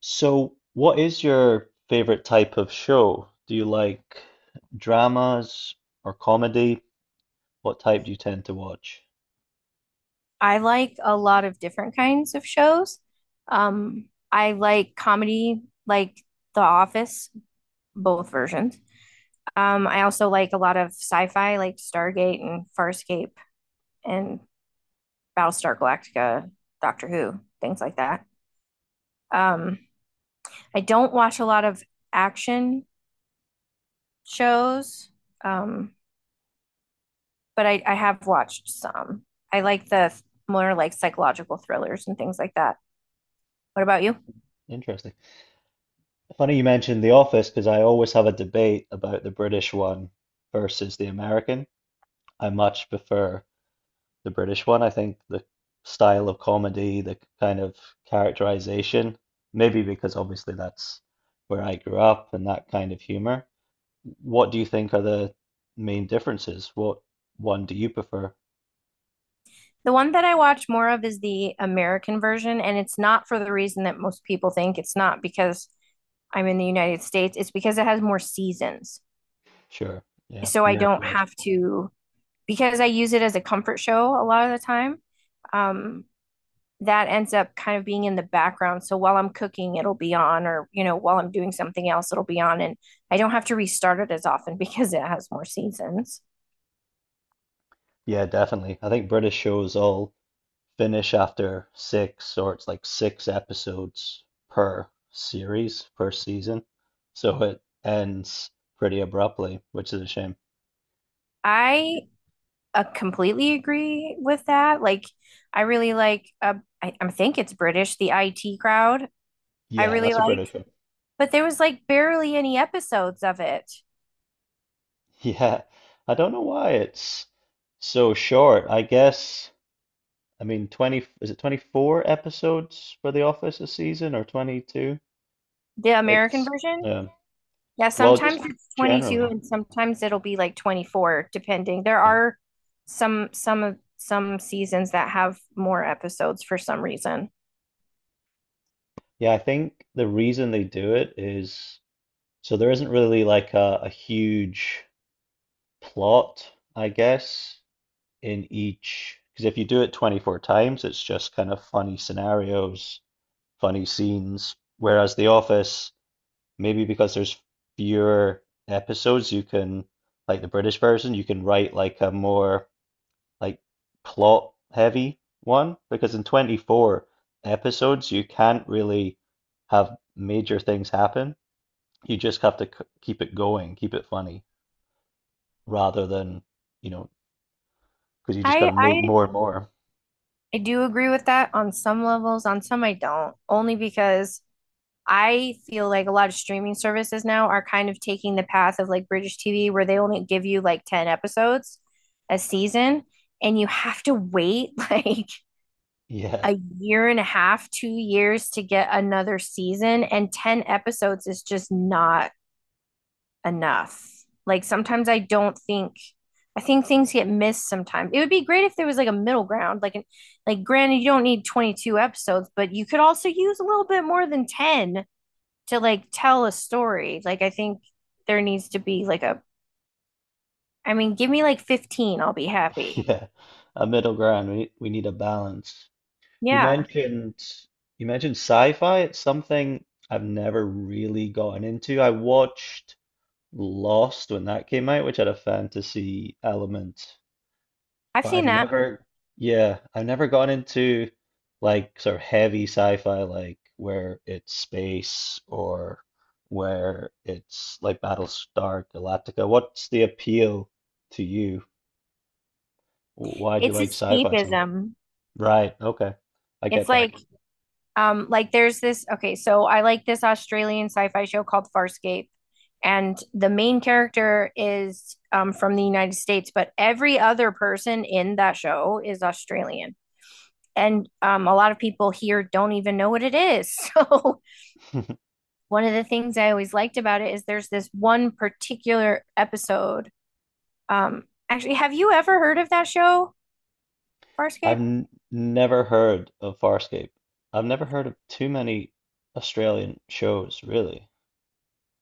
So, what is your favorite type of show? Do you like dramas or comedy? What type do you tend to watch? I like a lot of different kinds of shows. Um, I like comedy, like The Office, both versions. I also like a lot of sci-fi, like Stargate and Farscape and Battlestar Galactica, Doctor Who, things like that. Um, I don't watch a lot of action shows, um, but I have watched some. I like the more like psychological thrillers and things like that. What about you? Interesting. Funny you mentioned The Office because I always have a debate about the British one versus the American. I much prefer the British one. I think the style of comedy, the kind of characterization, maybe because obviously that's where I grew up and that kind of humor. What do you think are the main differences? What one do you prefer? The one that I watch more of is the American version, and it's not for the reason that most people think. It's not because I'm in the United States, it's because it has more seasons. Sure. Yeah, So I more to don't watch. have to, because I use it as a comfort show a lot of the time. Um, that ends up kind of being in the background. So while I'm cooking, it'll be on, or, while I'm doing something else, it'll be on. And I don't have to restart it as often because it has more seasons. Yeah, definitely. I think British shows all finish after six, or it's like six episodes per series, per season. So it ends pretty abruptly, which is a shame. I It- completely agree with that. Like, I really like, I think it's British, the IT crowd. I Yeah, really that's a like, British show. but there was like barely any episodes of it. Yeah, I don't know why it's so short. I guess, I mean, 20, is it 24 episodes for The Office a season or 22? The American It's version? um, Yeah, well, sometimes just it's 22 generally, and sometimes it'll be like 24 depending. There yeah, are some seasons that have more episodes for some reason. yeah. I think the reason they do it is so there isn't really like a huge plot, I guess, in each. Because if you do it 24 times, it's just kind of funny scenarios, funny scenes. Whereas The Office, maybe because there's fewer episodes, you can, like the British version, you can write like a more like plot heavy one because in 24 episodes you can't really have major things happen. You just have to keep it going, keep it funny rather than, you know, because you just got I to I make more and Oh, more. I do agree with that on some levels, on some I don't. Only because I feel like a lot of streaming services now are kind of taking the path of like British TV where they only give you like 10 episodes a season and you have to wait like Yeah, a year and a half, 2 years to get another season, and 10 episodes is just not enough. Like sometimes I don't think I think things get missed sometimes. It would be great if there was like a middle ground, like an, like granted you don't need 22 episodes, but you could also use a little bit more than 10 to like tell a story. Like I think there needs to be like a I mean, give me like 15, I'll be happy. yeah. A middle ground. We need a balance. You Yeah. mentioned you mentioned sci-fi. It's something I've never really gotten into. I watched Lost when that came out, which had a fantasy element. I've But I've seen that. never, yeah, I've never gone into like sort of heavy sci-fi, like where it's space or where it's like Battlestar Galactica. What's the appeal to you? Why do you It's like sci-fi so much? escapism. Right, okay. I It's get that. Like there's this, okay, so I like this Australian sci-fi show called Farscape, and the main character is from the United States, but every other person in that show is Australian. And a lot of people here don't even know what it is. So, one of the things I always liked about it is there's this one particular episode. Um, actually, have you ever heard of that show, I've Farscape? n never heard of Farscape. I've never heard of too many Australian shows, really.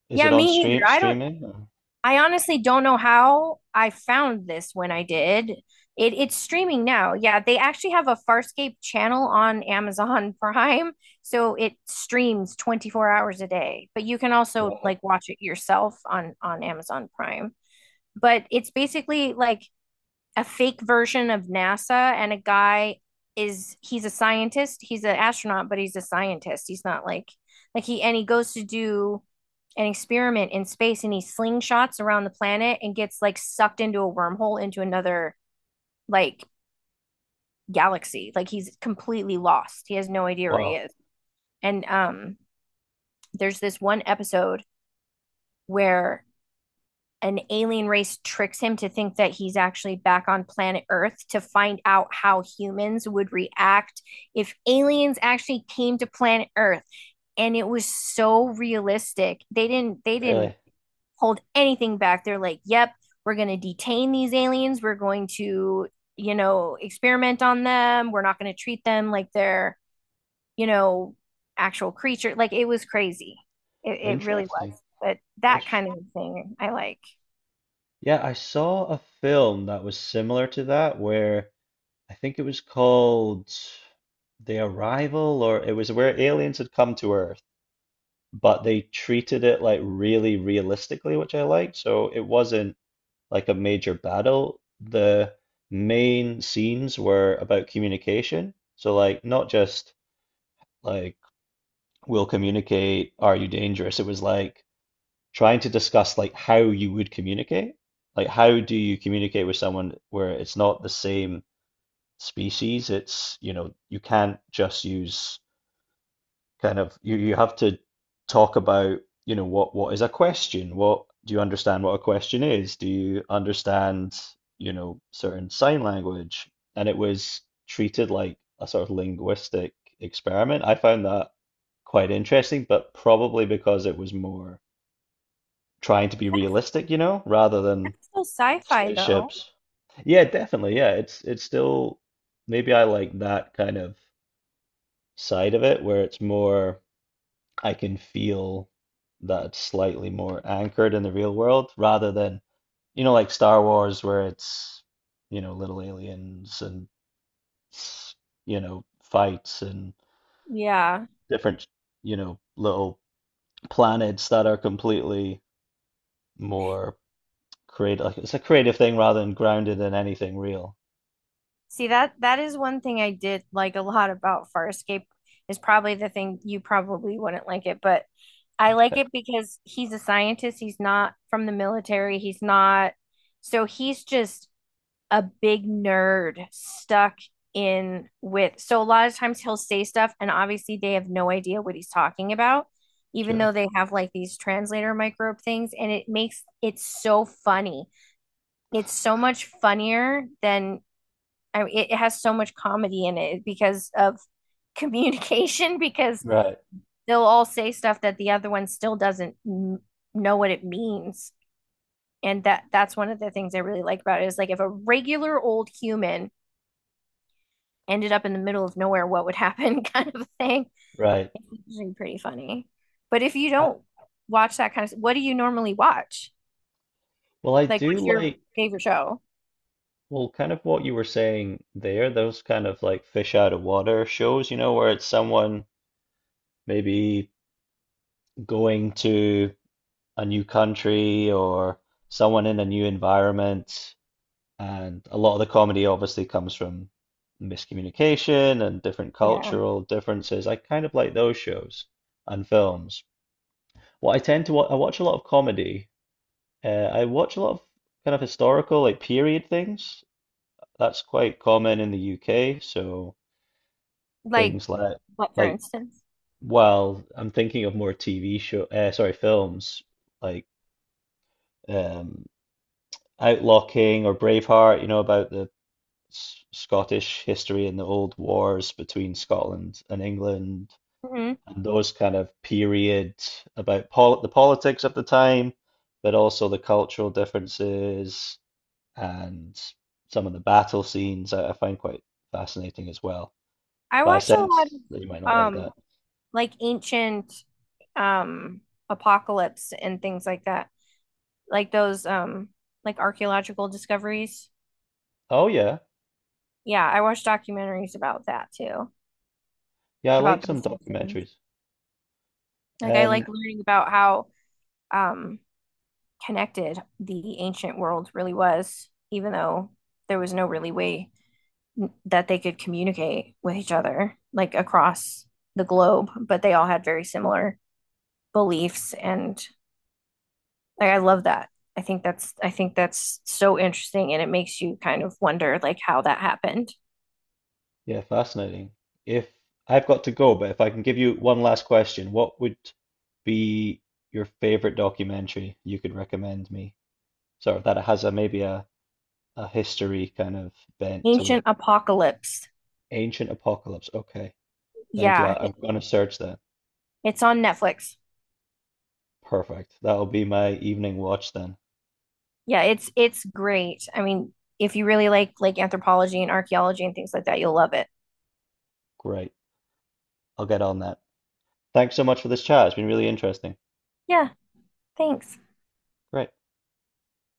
Is Yeah, it on me either. stream streaming? I honestly don't know how I found this when I did. It's streaming now. Yeah, they actually have a Farscape channel on Amazon Prime, so it streams 24 hours a day. But you can also Wow. like watch it yourself on Amazon Prime. But it's basically like a fake version of NASA, and a guy is he's a scientist. He's an astronaut, but he's a scientist. He's not like like he and he goes to do an experiment in space, and he slingshots around the planet and gets like sucked into a wormhole into another like galaxy. Like he's completely lost. He has no idea where he Wow. is. And there's this one episode where an alien race tricks him to think that he's actually back on planet Earth to find out how humans would react if aliens actually came to planet Earth. And it was so realistic. They didn't Really? hold anything back. They're like, "Yep, we're going to detain these aliens. We're going to, you know, experiment on them. We're not going to treat them like they're, you know, actual creature." Like it was crazy. It really Interesting. was. But I that kind of thing I like. Yeah, I saw a film that was similar to that where I think it was called The Arrival or it was where aliens had come to Earth, but they treated it like really realistically, which I liked. So it wasn't like a major battle. The main scenes were about communication. So like not just like we'll communicate, are you dangerous? It was like trying to discuss like how you would communicate. Like how do you communicate with someone where it's not the same species? It's, you can't just use kind of you have to talk about, what is a question? What do you understand what a question is? Do you understand, certain sign language? And it was treated like a sort of linguistic experiment. I found that quite interesting, but probably because it was more trying to be realistic, rather than That's so sci-fi though. spaceships. Yeah, definitely. Yeah, it's still maybe I like that kind of side of it where it's more I can feel that it's slightly more anchored in the real world rather than, like Star Wars where it's, little aliens and s- fights and Yeah. different, little planets that are completely more creative. Like it's a creative thing rather than grounded in anything real. See that is one thing I did like a lot about Farscape is probably the thing you probably wouldn't like it, but I like Okay, it because he's a scientist, he's not from the military, he's not so he's just a big nerd stuck in with so a lot of times he'll say stuff and obviously they have no idea what he's talking about, even sure. though they have like these translator microbe things and it makes it so funny it's so much funnier than I mean, it has so much comedy in it because of communication because Right, they'll all say stuff that the other one still doesn't know what it means. And that's one of the things I really like about it is like if a regular old human ended up in the middle of nowhere, what would happen kind of thing. right. It's usually pretty funny. But if you I, don't watch that kind of, what do you normally watch? well, I Like, do what's your like, favorite show? well, kind of what you were saying there, those kind of like fish out of water shows, where it's someone maybe going to a new country or someone in a new environment. And a lot of the comedy obviously comes from miscommunication and different Yeah. cultural differences. I kind of like those shows and films. Well, I tend to wa I watch a lot of comedy. I watch a lot of kind of historical, like period things. That's quite common in the UK. So Like, things like, what, for like, instance? well, I'm thinking of more TV show, sorry, films like um, Outlaw King or Braveheart. You know about the S Scottish history and the old wars between Scotland and England, Mhm. and those kind of period about pol the politics of the time, but also the cultural differences and some of the battle scenes I find quite fascinating as well. I But I watch a lot sense that you might of not like that. Like ancient um apocalypse and things like that. Like those like archaeological discoveries. Oh yeah, Yeah, I watch documentaries about that too, yeah, I like about some those types of things. documentaries. Like I Um, like learning about how um connected the ancient world really was, even though there was no really way that they could communicate with each other, like across the globe, but they all had very similar beliefs and like I love that. I think that's so interesting and it makes you kind of wonder like how that happened. yeah, fascinating. If I've got to go, but if I can give you one last question, what would be your favorite documentary you could recommend me? Sort of that it has a maybe a history kind of bent to Ancient it. Apocalypse. Ancient Apocalypse. Okay, thank you. Yeah, I'm it- gonna search that. it's on Netflix. Perfect. That'll be my evening watch then. Yeah, it's great. I mean, if you really like anthropology and archaeology and things like that, you'll love it. Great. I'll get on that. Thanks so much for this chat. It's been really interesting. Yeah, thanks. Great.